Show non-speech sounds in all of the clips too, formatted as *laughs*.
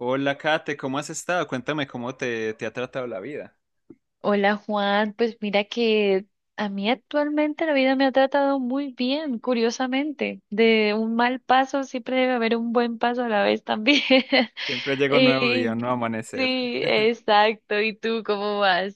Hola, Kate, ¿cómo has estado? Cuéntame cómo te ha tratado la vida. Hola, Juan, pues mira que a mí actualmente la vida me ha tratado muy bien, curiosamente. De un mal paso siempre debe haber un buen paso a la vez también. *laughs* Siempre llega un nuevo día, un nuevo amanecer. Sí, exacto. ¿Y tú cómo vas?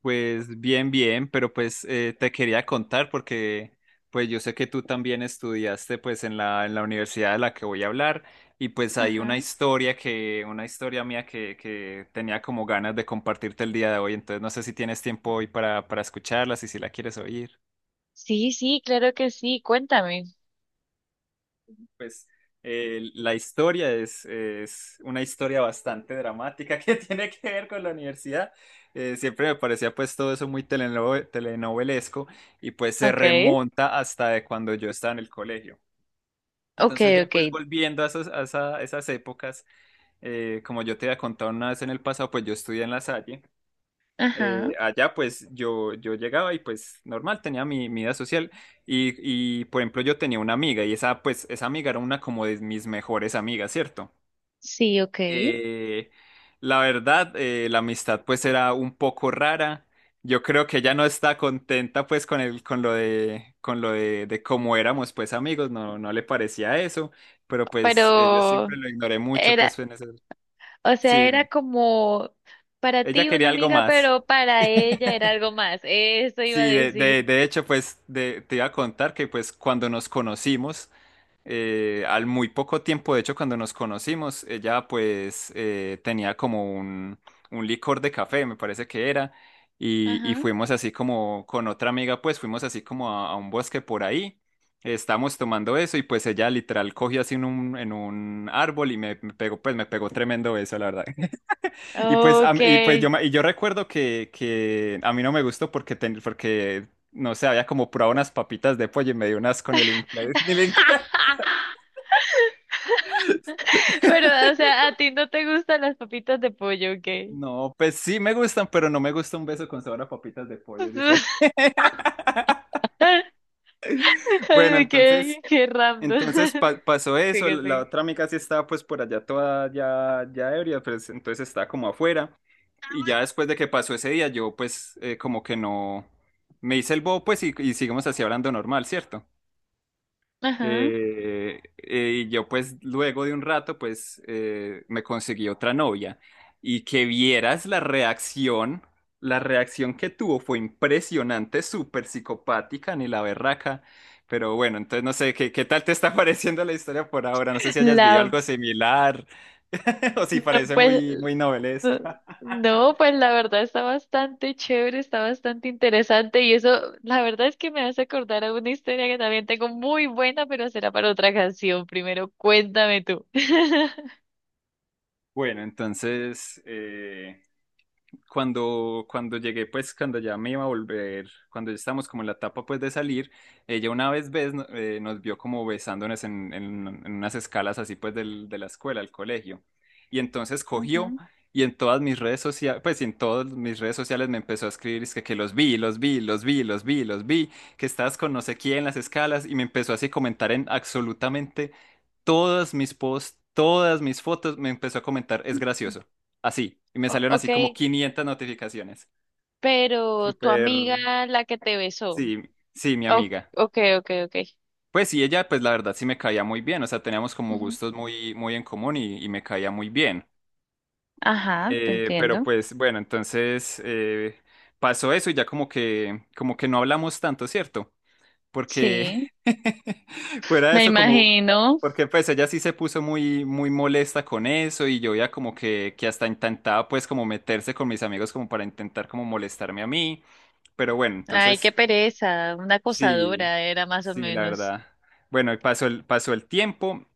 Pues bien, bien, pero te quería contar porque pues yo sé que tú también estudiaste pues en la universidad de la que voy a hablar y pues hay una Ajá. historia una historia mía que tenía como ganas de compartirte el día de hoy. Entonces no sé si tienes tiempo hoy para escucharla, si la quieres oír. Sí, sí, claro que sí. Cuéntame. pues la historia es una historia bastante dramática *laughs* que tiene que ver con la universidad. Siempre me parecía pues todo eso muy telenovelesco y pues se Okay. remonta hasta de cuando yo estaba en el colegio. Entonces Okay, ya pues okay. volviendo a esas épocas, como yo te había contado una vez en el pasado, pues yo estudié en La Salle. Ajá. Allá pues yo llegaba y pues normal, tenía mi vida social y por ejemplo yo tenía una amiga y esa amiga era una como de mis mejores amigas, ¿cierto? Sí, okay. Eh, la verdad, la amistad pues era un poco rara. Yo creo que ella no está contenta pues con el, con lo de cómo éramos pues amigos, no, no le parecía eso, pero yo Pero siempre lo ignoré mucho era pues en ese... O Sí, sea, dime. era como para Ella ti quería una algo amiga, más. pero para ella era algo más. Eso iba a Sí, decir. De hecho, te iba a contar que pues cuando nos conocimos, al muy poco tiempo, de hecho, cuando nos conocimos, ella tenía como un licor de café, me parece que era, y Ajá. fuimos así como con otra amiga, pues fuimos así como a un bosque por ahí, estábamos tomando eso y pues ella literal cogió así en un árbol y me pegó, pues me pegó tremendo eso, la verdad. Y pues, a mí- y pues yo, Okay. me- y yo recuerdo que a mí no me gustó porque, porque no sé, había como probado unas papitas de pollo y me dio un asco ni el *laughs* ni el *laughs* Pero, o sea, a ti no te gustan las papitas de pollo, *laughs* okay. No, pues sí me gustan, pero no me gusta un beso con sabor a papitas de pollo, es diferente. *laughs* *laughs* Bueno, Ay, entonces, qué random. entonces pa- *laughs* pasó eso, Sigue, la sigue. otra amiga sí estaba pues por allá toda ya, ya ebria, pues entonces estaba como afuera. Y ya después de que pasó ese día, yo como que no, me hice el bobo pues y seguimos así hablando normal, ¿cierto? Ajá. Y yo pues luego de un rato, me conseguí otra novia y que vieras la reacción que tuvo fue impresionante, súper psicopática, ni la berraca, pero bueno, entonces no sé, ¿qué, qué tal te está *laughs* pareciendo la historia por ahora? No sé si hayas vivido La, algo similar *laughs* o si no parece pues. muy, muy No, novelesca. no, pues la verdad está bastante chévere, está bastante interesante y eso, la verdad es que me hace acordar a una historia que también tengo muy buena, pero será para otra canción. Primero, cuéntame tú. *laughs* Bueno, entonces cuando llegué, pues cuando ya me iba a volver, cuando ya estábamos como en la etapa pues de salir, ella una vez ves, no- nos vio como besándonos en unas escalas así pues de la escuela, al colegio. Y entonces cogió Ujú. y en todas mis redes sociales, pues y en todas mis redes sociales me empezó a escribir, es que los vi, los vi, los vi, los vi, los vi, que estabas con no sé quién en las escalas y me empezó así a comentar en absolutamente todas mis posts, todas mis fotos, me empezó a comentar, es gracioso así. Y me salieron Ok, así como 500 notificaciones. pero tu Súper, amiga, la que te besó. sí, sí, mi Ok, amiga. ok, ok. Ok. Pues sí, ella, pues la verdad sí me caía muy bien, o sea, teníamos como Ujú. gustos muy, muy en común y me caía muy bien. Ajá, te Pero entiendo. pues bueno, entonces pasó eso y ya como que no hablamos tanto, ¿cierto? Porque Sí, *laughs* fuera de me eso como imagino. porque pues ella sí se puso muy molesta con eso y yo ya como que hasta intentaba pues como meterse con mis amigos como para intentar como molestarme a mí, pero bueno, Ay, entonces qué pereza, una sí acosadora era más o sí la menos. verdad. Bueno, y pasó el tiempo.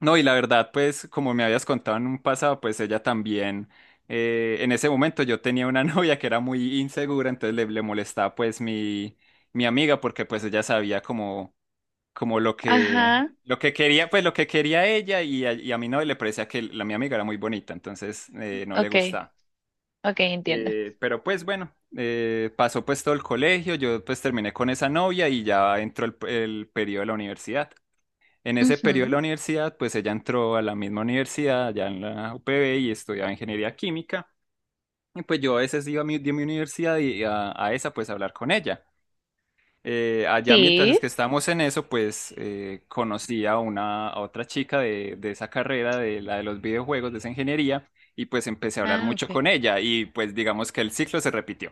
No, y la verdad pues como me habías contado en un pasado, pues ella también en ese momento yo tenía una *laughs* novia que era muy insegura, entonces le molestaba pues mi amiga porque pues ella sabía como como Ajá, lo que quería, pues lo que quería ella y y a mí no le parecía que la mi amiga era muy bonita, entonces no le ok, gustaba. ok, entiendo. Pero pues bueno, pasó pues todo el colegio, yo pues terminé con esa novia y ya entró el periodo de la universidad. En ese periodo de la Ujú. universidad, pues ella entró a la misma universidad, ya en la UPB y estudiaba ingeniería química. Y pues yo a veces iba a de mi universidad y a esa pues a hablar con ella. Allá mientras es Sí. que estábamos en eso, conocí a una a otra chica de esa carrera, de la de los videojuegos, de esa ingeniería, y pues empecé a hablar Ah, mucho ok. con ella y pues digamos que el ciclo se repitió.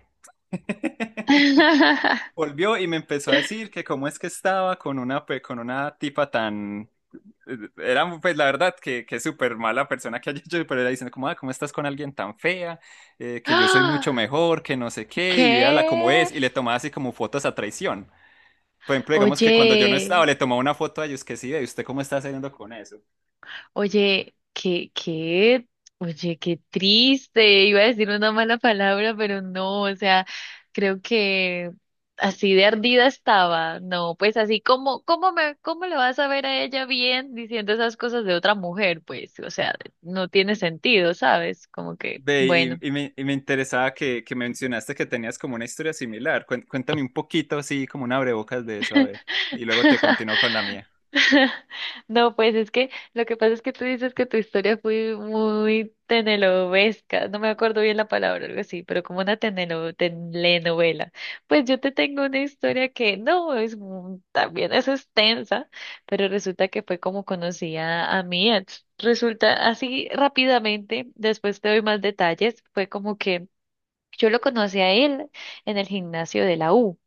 *laughs* Volvió y me empezó a decir que cómo es que estaba con una, pues, con una tipa tan... Era pues la verdad que súper mala persona que haya hecho, pero era diciendo como, ah, ¿cómo estás con alguien tan fea? Que yo soy mucho ¡Ah! mejor, que no sé qué, y véala cómo ¿Qué? es, y le tomaba así como fotos a traición. Por ejemplo, digamos que cuando yo no Oye, estaba, le tomaba una foto a ellos que sí, ve, ¿usted cómo está saliendo con eso? oye, qué, qué, oye, qué triste. Iba a decir una mala palabra, pero no, o sea, creo que así de ardida estaba. No, pues así como, ¿cómo le vas a ver a ella bien diciendo esas cosas de otra mujer? Pues, o sea, no tiene sentido, ¿sabes? Como que, Ve, bueno. y y me interesaba que mencionaste que tenías como una historia similar. Cuéntame un poquito, así como un abrebocas de eso, a ver. Y luego te *laughs* continúo con la mía. No, pues es que lo que pasa es que tú dices que tu historia fue muy tenelovesca, no me acuerdo bien la palabra, algo así, pero como una telenovela. Pues yo te tengo una historia que no es también es extensa, pero resulta que fue como conocí a, mi ex. Resulta así rápidamente, después te doy más detalles, fue como que yo lo conocí a él en el gimnasio de la U.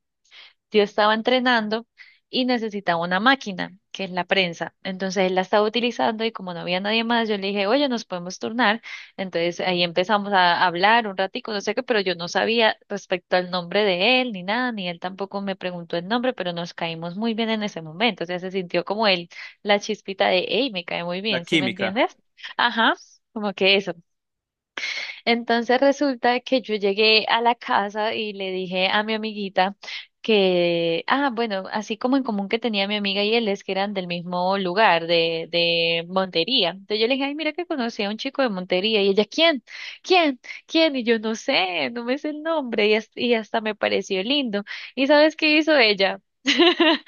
Yo estaba entrenando y necesitaba una máquina, que es la prensa. Entonces él la estaba utilizando y como no había nadie más, yo le dije, oye, nos podemos turnar. Entonces ahí empezamos a hablar un ratico, no sé qué, pero yo no sabía respecto al nombre de él ni nada, ni él tampoco me preguntó el nombre, pero nos caímos muy bien en ese momento. O sea, se sintió como él, la chispita de, hey, me cae muy La bien, ¿sí me química. entiendes? Ajá, como que eso. Entonces resulta que yo llegué a la casa y le dije a mi amiguita que, ah, bueno, así como en común que tenía mi amiga y él es que eran del mismo lugar, de Montería. Entonces yo le dije, ay, mira que conocí a un chico de Montería. Y ella, ¿quién? ¿Quién? ¿Quién? Y yo no sé, no me sé el nombre. Y hasta me pareció lindo. ¿Y sabes qué hizo ella? *laughs*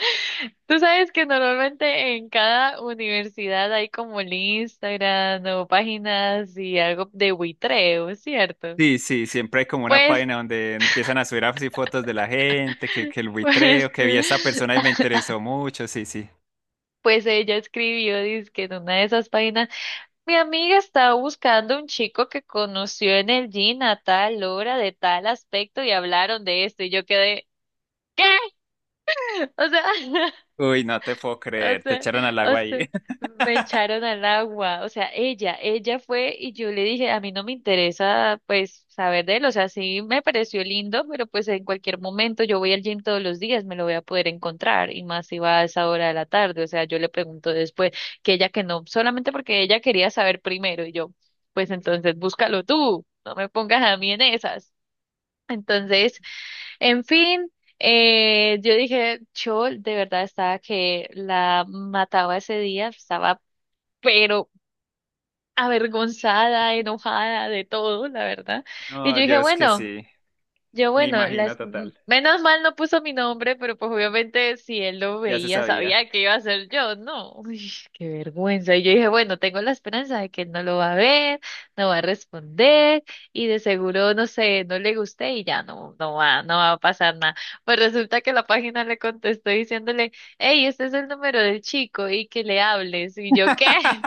Tú sabes que normalmente en cada universidad hay como el Instagram o páginas y algo de buitreo, ¿cierto? Sí, sí, siempre hay como una Pues, página donde empiezan a subir así fotos de la gente, que el *laughs* pues, buitreo, que vi a esta persona y me interesó mucho, sí, sí. pues ella escribió, dice que en una de esas páginas, mi amiga estaba buscando un chico que conoció en el gym a tal hora, de tal aspecto, y hablaron de esto, y yo quedé, ¿qué? O sea, *laughs* Uy, no te puedo O creer, te sea, echaron al o agua ahí. sea, me *laughs* echaron al agua. O sea, ella fue y yo le dije, a mí no me interesa pues saber de él. O sea, sí me pareció lindo, pero pues en cualquier momento yo voy al gym todos los días, me lo voy a poder encontrar. Y más si va a esa hora de la tarde. O sea, yo le pregunto después que ella que no, solamente porque ella quería saber primero y yo, pues entonces búscalo tú, no me pongas a mí en esas. Entonces, en fin, yo dije, yo de verdad estaba que la mataba ese día, estaba pero avergonzada, enojada de todo, la verdad. Y No, yo dije, yo es que bueno. sí, Yo, me bueno, imagino total, menos mal no puso mi nombre, pero pues obviamente si él lo ya se veía, sabía. sabía que iba a ser yo, ¿no? *laughs* Uy, qué vergüenza. Y yo dije, bueno, tengo la esperanza de que él no lo va a ver, no va a responder, y de seguro, no sé, no le guste y ya no, no va a pasar nada. Pues resulta que la página le contestó diciéndole, hey, este es el número del chico y que le hables. Y yo, ¿qué?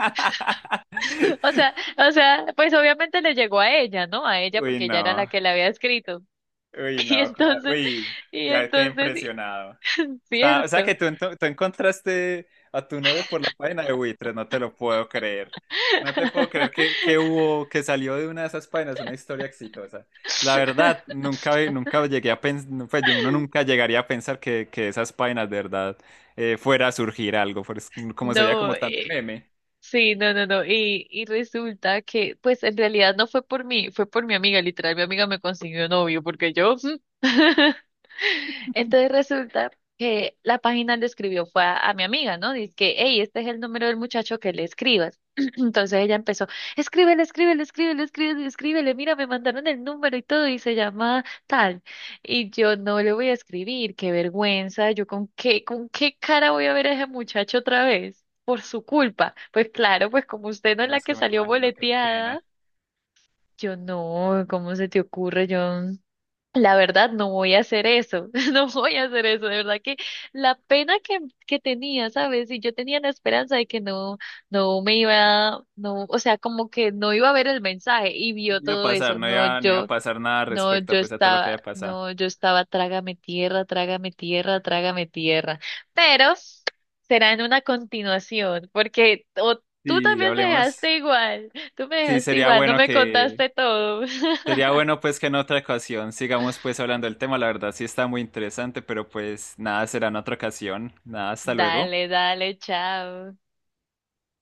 *laughs* O sea, o sea, pues obviamente le llegó a ella, ¿no? A ella Uy, porque ella era la no. que le había escrito. Uy, *laughs* Y no. entonces, Uy, y ya quedé entonces, sí, impresionado. O *laughs* sea, o sea cierto. que tú, tú encontraste a tu novio por la página de Buitres, no te lo puedo creer. No te puedo creer que *laughs* hubo, que salió de una de esas páginas una historia exitosa. La verdad, nunca, nunca llegué a pensar, uno nunca llegaría a pensar que esas páginas de verdad fuera a surgir algo, como sería No, como tan de meme. sí, no, no, no. Y resulta que, pues en realidad no fue por mí, fue por mi amiga, literal. Mi amiga me consiguió novio, porque yo. *laughs* Entonces resulta que la página le escribió fue a, mi amiga, ¿no? Dice que, hey, este es el número del muchacho que le escribas. *clears throat* Entonces ella empezó, escríbele, escríbele, escríbele, escríbele, escríbele, mira, me mandaron el número y todo, y se llama tal. Y yo no le voy a escribir, qué vergüenza, yo con qué cara voy a ver a ese muchacho otra vez, por su culpa. Pues claro, pues como usted no es No, la es que que me salió imagino, qué pena. boleteada, yo no, ¿cómo se te ocurre? Yo la verdad, no voy a hacer eso, *laughs* no voy a hacer eso, de verdad que la pena que tenía, ¿sabes? Y yo tenía la esperanza de que no, no me iba, no, o sea, como que no iba a ver el mensaje y No vio iba a todo pasar, eso, no iba, no iba a pasar nada no, yo respecto pues a todo lo que estaba, haya pasado. Trágame tierra, trágame tierra, trágame tierra, pero será en una continuación, porque o tú Si también me hablemos, dejaste igual, tú me sí dejaste sería igual, no bueno me que contaste todo. sería *laughs* bueno pues que en otra ocasión sigamos pues hablando del tema, la verdad sí está muy interesante, pero pues nada, será en otra ocasión. Nada, hasta luego. Dale, dale, chao.